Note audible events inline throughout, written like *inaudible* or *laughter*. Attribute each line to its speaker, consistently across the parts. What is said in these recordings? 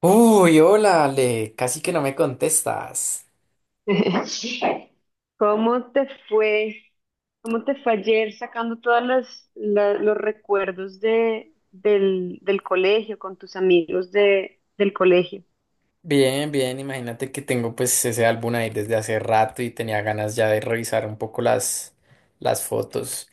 Speaker 1: Uy, hola Ale, casi que no me contestas.
Speaker 2: *laughs* ¿Cómo te fue? ¿Cómo te fue ayer sacando todos los recuerdos del colegio con tus amigos del colegio?
Speaker 1: Bien, bien, imagínate que tengo pues ese álbum ahí desde hace rato y tenía ganas ya de revisar un poco las fotos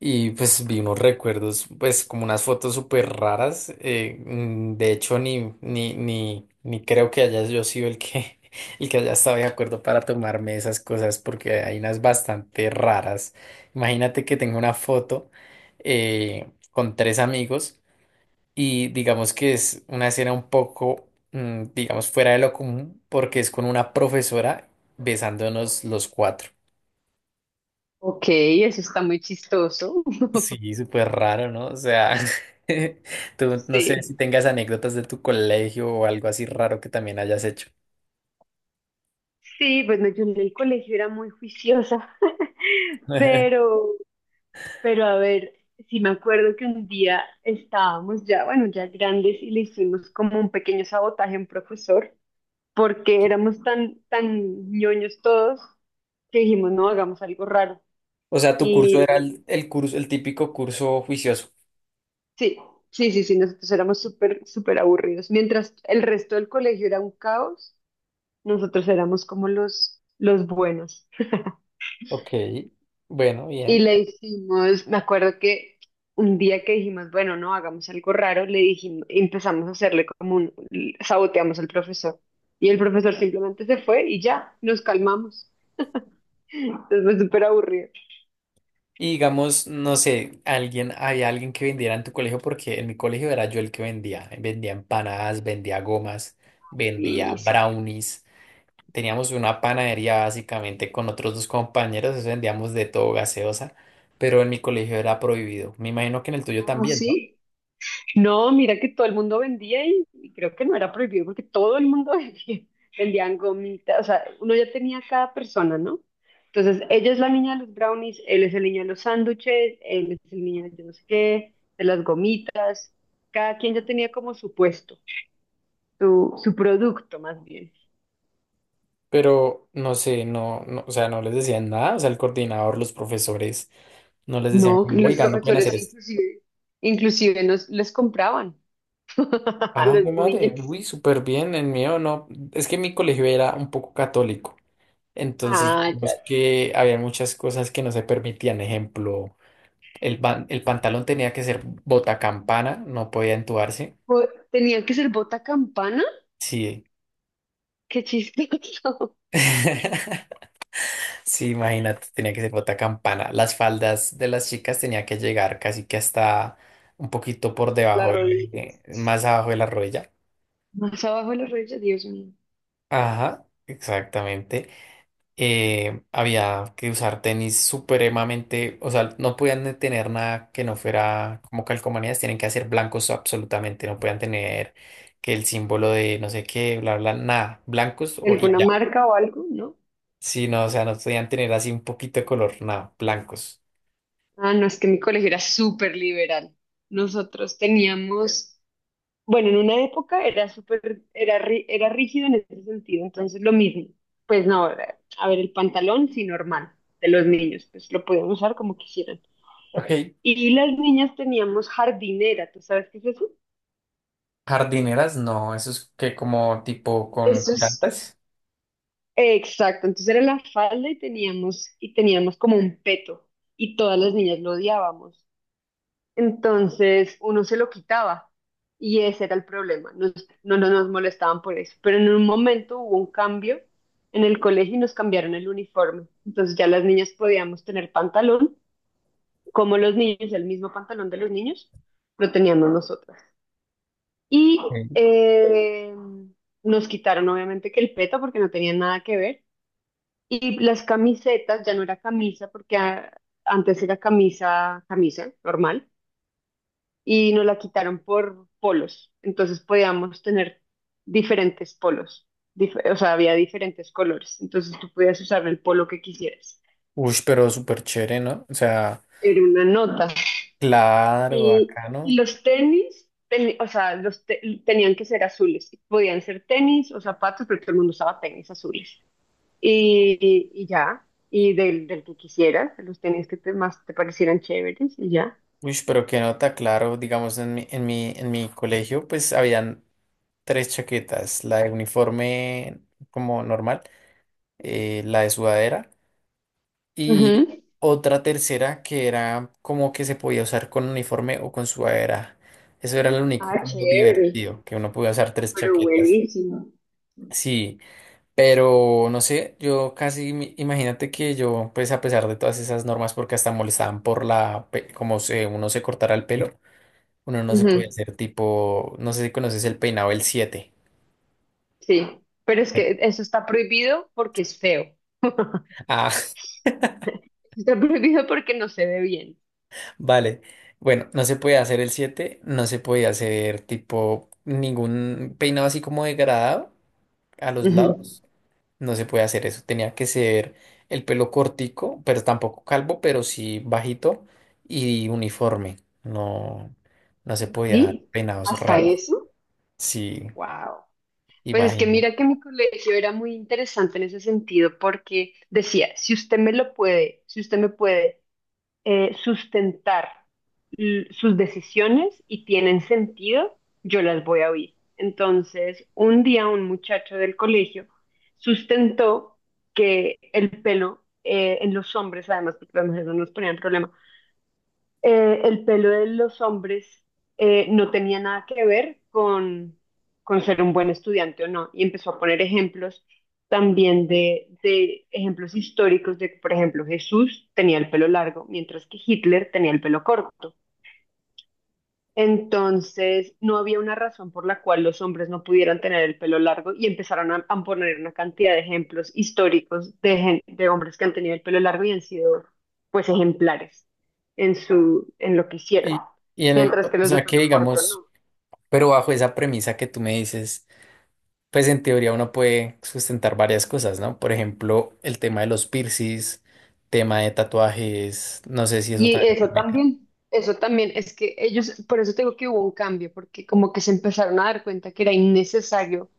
Speaker 1: y pues vi unos recuerdos, pues como unas fotos súper raras, de hecho ni creo que haya yo sido el que, *laughs* el que haya estado de acuerdo para tomarme esas cosas porque hay unas bastante raras. Imagínate que tengo una foto con tres amigos. Y digamos que es una escena un poco, digamos, fuera de lo común porque es con una profesora besándonos los cuatro.
Speaker 2: Ok, eso está muy chistoso. *laughs*
Speaker 1: Sí, súper raro, ¿no? O sea, *laughs* tú no sé si
Speaker 2: Sí.
Speaker 1: tengas anécdotas de tu colegio o algo así raro que también hayas hecho.
Speaker 2: Sí, bueno, yo en el colegio era muy juiciosa, *laughs*
Speaker 1: *laughs*
Speaker 2: pero, pero a ver, sí me acuerdo que un día estábamos ya, bueno, ya grandes y le hicimos como un pequeño sabotaje a un profesor. Porque éramos tan ñoños todos que dijimos, no, hagamos algo raro.
Speaker 1: O sea, tu curso
Speaker 2: Y
Speaker 1: era el curso, el típico curso juicioso.
Speaker 2: sí, sí, nosotros éramos súper aburridos. Mientras el resto del colegio era un caos, nosotros éramos como los buenos.
Speaker 1: Ok, bueno,
Speaker 2: Y
Speaker 1: bien.
Speaker 2: le hicimos, me acuerdo que un día que dijimos, bueno, no, hagamos algo raro, le dijimos, empezamos a hacerle como un, saboteamos al profesor. Y el profesor simplemente se fue y ya, nos calmamos. Entonces fue súper aburrido.
Speaker 1: Y digamos, no sé, alguien, había alguien que vendiera en tu colegio, porque en mi colegio era yo el que vendía. Vendía empanadas, vendía gomas, vendía
Speaker 2: Y sí.
Speaker 1: brownies. Teníamos una panadería básicamente con otros dos compañeros, eso vendíamos de todo gaseosa, pero en mi colegio era prohibido. Me imagino que en el tuyo
Speaker 2: Ah,
Speaker 1: también, ¿no?
Speaker 2: sí. No, mira que todo el mundo vendía y creo que no era prohibido porque todo el mundo *laughs* vendía, vendían gomitas, o sea, uno ya tenía cada persona, ¿no? Entonces, ella es la niña de los brownies, él es el niño de los sándwiches, él es el niño de yo no sé qué, de las gomitas, cada quien ya tenía como su puesto, su producto más bien.
Speaker 1: Pero no sé, o sea, no les decían nada, o sea, el coordinador, los profesores, no les decían
Speaker 2: No,
Speaker 1: como,
Speaker 2: y los que
Speaker 1: oigan, no pueden
Speaker 2: profesores
Speaker 1: hacer esto.
Speaker 2: inclusive. Inclusive les compraban *laughs* a
Speaker 1: Ah,
Speaker 2: los
Speaker 1: mi madre,
Speaker 2: niños.
Speaker 1: uy, súper bien, el mío no. Es que mi colegio era un poco católico. Entonces,
Speaker 2: Ah, ya.
Speaker 1: digamos que había muchas cosas que no se permitían. Ejemplo, el pantalón tenía que ser botacampana, no podía entubarse.
Speaker 2: Pues, tenía que ser bota campana.
Speaker 1: Sí.
Speaker 2: Qué chistoso.
Speaker 1: *laughs* Sí, imagínate, tenía que ser botacampana. Las faldas de las chicas tenía que llegar casi que hasta un poquito por
Speaker 2: *laughs* Las
Speaker 1: debajo,
Speaker 2: rodillas.
Speaker 1: más abajo de la rodilla.
Speaker 2: Más abajo de las rodillas, Dios mío.
Speaker 1: Ajá, exactamente. Había que usar tenis supremamente, o sea, no podían tener nada que no fuera como calcomanías, tienen que hacer blancos absolutamente, no podían tener que el símbolo de no sé qué, bla, bla, nada, blancos o y
Speaker 2: ¿Alguna
Speaker 1: ya.
Speaker 2: marca o algo? No.
Speaker 1: Sí, no, o sea, no podían tener así un poquito de color, nada, blancos.
Speaker 2: Ah, no, es que mi colegio era súper liberal. Nosotros teníamos, bueno, en una época era súper, era, era rígido en ese sentido, entonces lo mismo. Pues no, a ver, el pantalón sí normal de los niños, pues lo podían usar como quisieran.
Speaker 1: Ok.
Speaker 2: Y las niñas teníamos jardinera, ¿tú sabes qué es eso?
Speaker 1: Jardineras, no, eso es que como tipo con
Speaker 2: Eso es.
Speaker 1: plantas.
Speaker 2: Exacto, entonces era la falda y teníamos como un peto y todas las niñas lo odiábamos. Entonces uno se lo quitaba y ese era el problema. No, no nos molestaban por eso, pero en un momento hubo un cambio en el colegio y nos cambiaron el uniforme. Entonces ya las niñas podíamos tener pantalón, como los niños, el mismo pantalón de los niños, lo teníamos nosotras. Y eh, nos quitaron obviamente que el peto porque no tenía nada que ver. Y las camisetas, ya no era camisa, porque ah, antes era camisa, camisa normal, y nos la quitaron por polos. Entonces podíamos tener diferentes polos, o sea, había diferentes colores. Entonces tú podías usar el polo que quisieras.
Speaker 1: Uy, pero súper chévere, ¿no? O sea,
Speaker 2: Era una nota.
Speaker 1: claro,
Speaker 2: Y,
Speaker 1: acá,
Speaker 2: y
Speaker 1: ¿no?
Speaker 2: los tenis, o sea, tenían que ser azules. Podían ser tenis o zapatos, pero todo el mundo usaba tenis azules. Y del que quisieras, de los tenis que te, más te parecieran chéveres y ya.
Speaker 1: Uy, pero qué nota, claro, digamos en mi colegio pues habían tres chaquetas, la de uniforme como normal, la de sudadera y
Speaker 2: Ujú.
Speaker 1: otra tercera que era como que se podía usar con uniforme o con sudadera. Eso era lo único
Speaker 2: Ah,
Speaker 1: como
Speaker 2: chévere,
Speaker 1: divertido, que uno podía usar tres
Speaker 2: pero
Speaker 1: chaquetas.
Speaker 2: buenísimo.
Speaker 1: Sí, pero no sé, yo casi, imagínate que yo pues a pesar de todas esas normas porque hasta molestaban como se, uno se cortara el pelo. Uno no se puede
Speaker 2: Ujú,
Speaker 1: hacer tipo, no sé si conoces el peinado el siete.
Speaker 2: sí, pero es que eso está prohibido porque es feo. *laughs*
Speaker 1: Ah,
Speaker 2: Está prohibido porque no se ve bien.
Speaker 1: *laughs* vale. Bueno, no se puede hacer el siete, no se puede hacer tipo ningún peinado así como degradado a los
Speaker 2: Ujú.
Speaker 1: lados. No se puede hacer eso. Tenía que ser el pelo cortico, pero tampoco calvo, pero sí bajito y uniforme. No, no se podía dar
Speaker 2: ¿Sí?
Speaker 1: peinados
Speaker 2: ¿Hasta
Speaker 1: raros.
Speaker 2: eso?
Speaker 1: Sí,
Speaker 2: Wow. Pues es que
Speaker 1: imagínate.
Speaker 2: mira que mi colegio era muy interesante en ese sentido porque decía, si usted me lo puede, si usted me puede sustentar sus decisiones y tienen sentido, yo las voy a oír. Entonces, un día un muchacho del colegio sustentó que el pelo en los hombres, además porque las mujeres no nos ponían problema, el pelo de los hombres no tenía nada que ver con ser un buen estudiante o no. Y empezó a poner ejemplos también de ejemplos históricos de que, por ejemplo, Jesús tenía el pelo largo, mientras que Hitler tenía el pelo corto. Entonces, no había una razón por la cual los hombres no pudieran tener el pelo largo y empezaron a poner una cantidad de ejemplos históricos de, de hombres que han tenido el pelo largo y han sido, pues, ejemplares en su, en lo que hicieron,
Speaker 1: Y, y en el,
Speaker 2: mientras
Speaker 1: o
Speaker 2: que los de
Speaker 1: sea que
Speaker 2: pelo corto
Speaker 1: digamos,
Speaker 2: no.
Speaker 1: pero bajo esa premisa que tú me dices. Pues en teoría uno puede sustentar varias cosas, ¿no? Por ejemplo, el tema de los piercings, tema de tatuajes, no sé si eso
Speaker 2: Y
Speaker 1: también permite.
Speaker 2: eso también es que ellos, por eso tengo que hubo un cambio, porque como que se empezaron a dar cuenta que era innecesario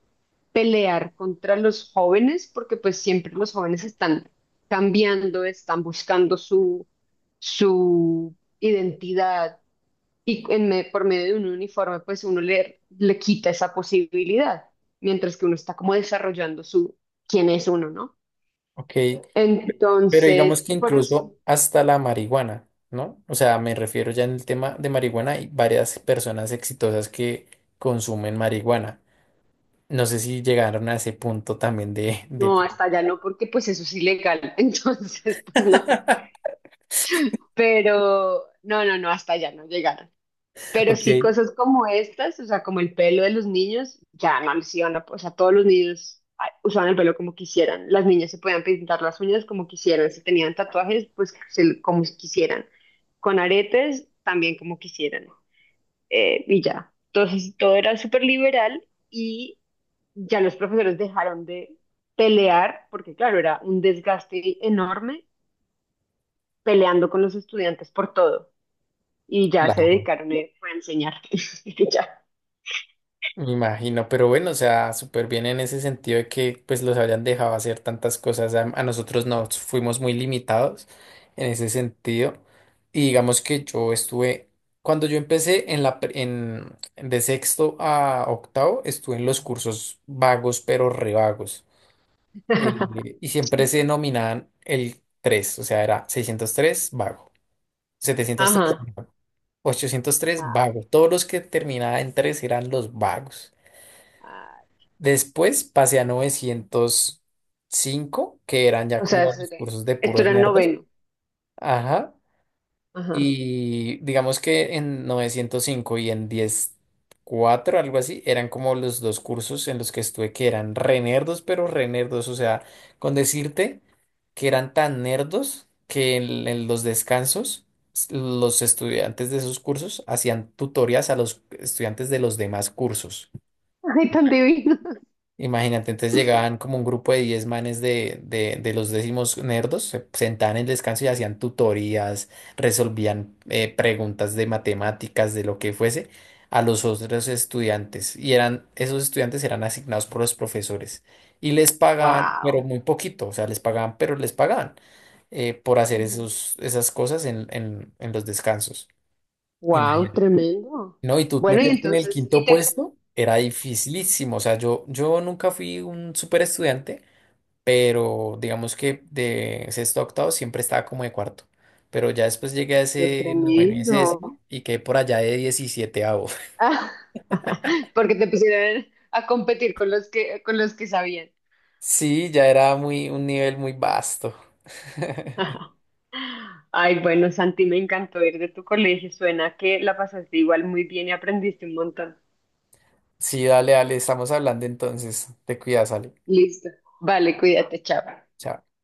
Speaker 2: pelear contra los jóvenes, porque pues siempre los jóvenes están cambiando, están buscando su, su identidad y en por medio de un uniforme, pues uno le quita esa posibilidad, mientras que uno está como desarrollando su quién es uno, ¿no?
Speaker 1: Ok, pero digamos
Speaker 2: Entonces,
Speaker 1: que
Speaker 2: por eso,
Speaker 1: incluso hasta la marihuana, ¿no? O sea, me refiero ya en el tema de marihuana, hay varias personas exitosas que consumen marihuana. No sé si llegaron a ese punto también de, de...
Speaker 2: no,
Speaker 1: pre-
Speaker 2: hasta allá no, porque pues eso es ilegal, *laughs* entonces, pues no, pero no, hasta allá no llegaron. Pero
Speaker 1: Ok,
Speaker 2: sí cosas como estas, o sea, como el pelo de los niños, ya no les iban a, o sea, todos los niños ay, usaban el pelo como quisieran. Las niñas se podían pintar las uñas como quisieran. Si tenían tatuajes, pues como quisieran. Con aretes, también como quisieran. Y ya. Entonces, todo era súper liberal y ya los profesores dejaron de pelear, porque claro, era un desgaste enorme peleando con los estudiantes por todo. Y
Speaker 1: *laughs*
Speaker 2: ya se
Speaker 1: claro.
Speaker 2: dedicaron fue a enseñar. *laughs* Y ya.
Speaker 1: Me imagino, pero bueno, o sea, súper bien en ese sentido de que pues los hayan dejado hacer tantas cosas. A nosotros nos fuimos muy limitados en ese sentido. Y digamos que yo estuve, cuando yo empecé en la, pre- en, de sexto a octavo, estuve en los cursos vagos, pero re vagos.
Speaker 2: *laughs*
Speaker 1: Y siempre se denominaban el 3 o sea, era 603 vago, 703
Speaker 2: Ajá.
Speaker 1: vago, 803 vago. Todos los que terminaban en 3 eran los vagos.
Speaker 2: Ah,
Speaker 1: Después pasé a 905 que eran ya
Speaker 2: o sea,
Speaker 1: como los cursos de
Speaker 2: esto
Speaker 1: puros
Speaker 2: era el
Speaker 1: nerdos.
Speaker 2: noveno.
Speaker 1: Ajá.
Speaker 2: Ajá.
Speaker 1: Y digamos que en 905 y en diez cuatro algo así, eran como los dos cursos en los que estuve que eran re nerdos, pero re nerdos. O sea, con decirte que eran tan nerdos que en los descansos los estudiantes de esos cursos hacían tutorías a los estudiantes de los demás cursos.
Speaker 2: Ay, tan divino.
Speaker 1: Imagínate, entonces llegaban como un grupo de 10 manes de los décimos nerdos, se sentaban en el descanso y hacían tutorías, resolvían preguntas de matemáticas, de lo que fuese, a los otros estudiantes. Y eran, esos estudiantes eran asignados por los profesores. Y les pagaban, pero
Speaker 2: Wow.
Speaker 1: muy poquito, o sea, les pagaban, pero les pagaban por hacer esos, esas cosas en los descansos.
Speaker 2: Wow,
Speaker 1: Imagínate.
Speaker 2: tremendo.
Speaker 1: No, y tú
Speaker 2: Bueno, y
Speaker 1: meterte en el
Speaker 2: entonces, y
Speaker 1: quinto
Speaker 2: te...
Speaker 1: puesto era dificilísimo. O sea, yo nunca fui un súper estudiante, pero digamos que de sexto a octavo siempre estaba como de cuarto. Pero ya después llegué a
Speaker 2: Qué
Speaker 1: ese noveno y ese décimo
Speaker 2: tremendo.
Speaker 1: y quedé por allá de 17.º. *laughs*
Speaker 2: Ah, *laughs* porque te pusieron a competir con los que sabían.
Speaker 1: Sí, ya era muy, un nivel muy vasto. *laughs*
Speaker 2: *laughs* Ay, bueno, Santi, me encantó ir de tu colegio. Suena que la pasaste igual muy bien y aprendiste un montón.
Speaker 1: Sí, dale, dale, estamos hablando entonces. Te cuidas, Ale.
Speaker 2: Listo. Vale, cuídate, chao.
Speaker 1: Chao.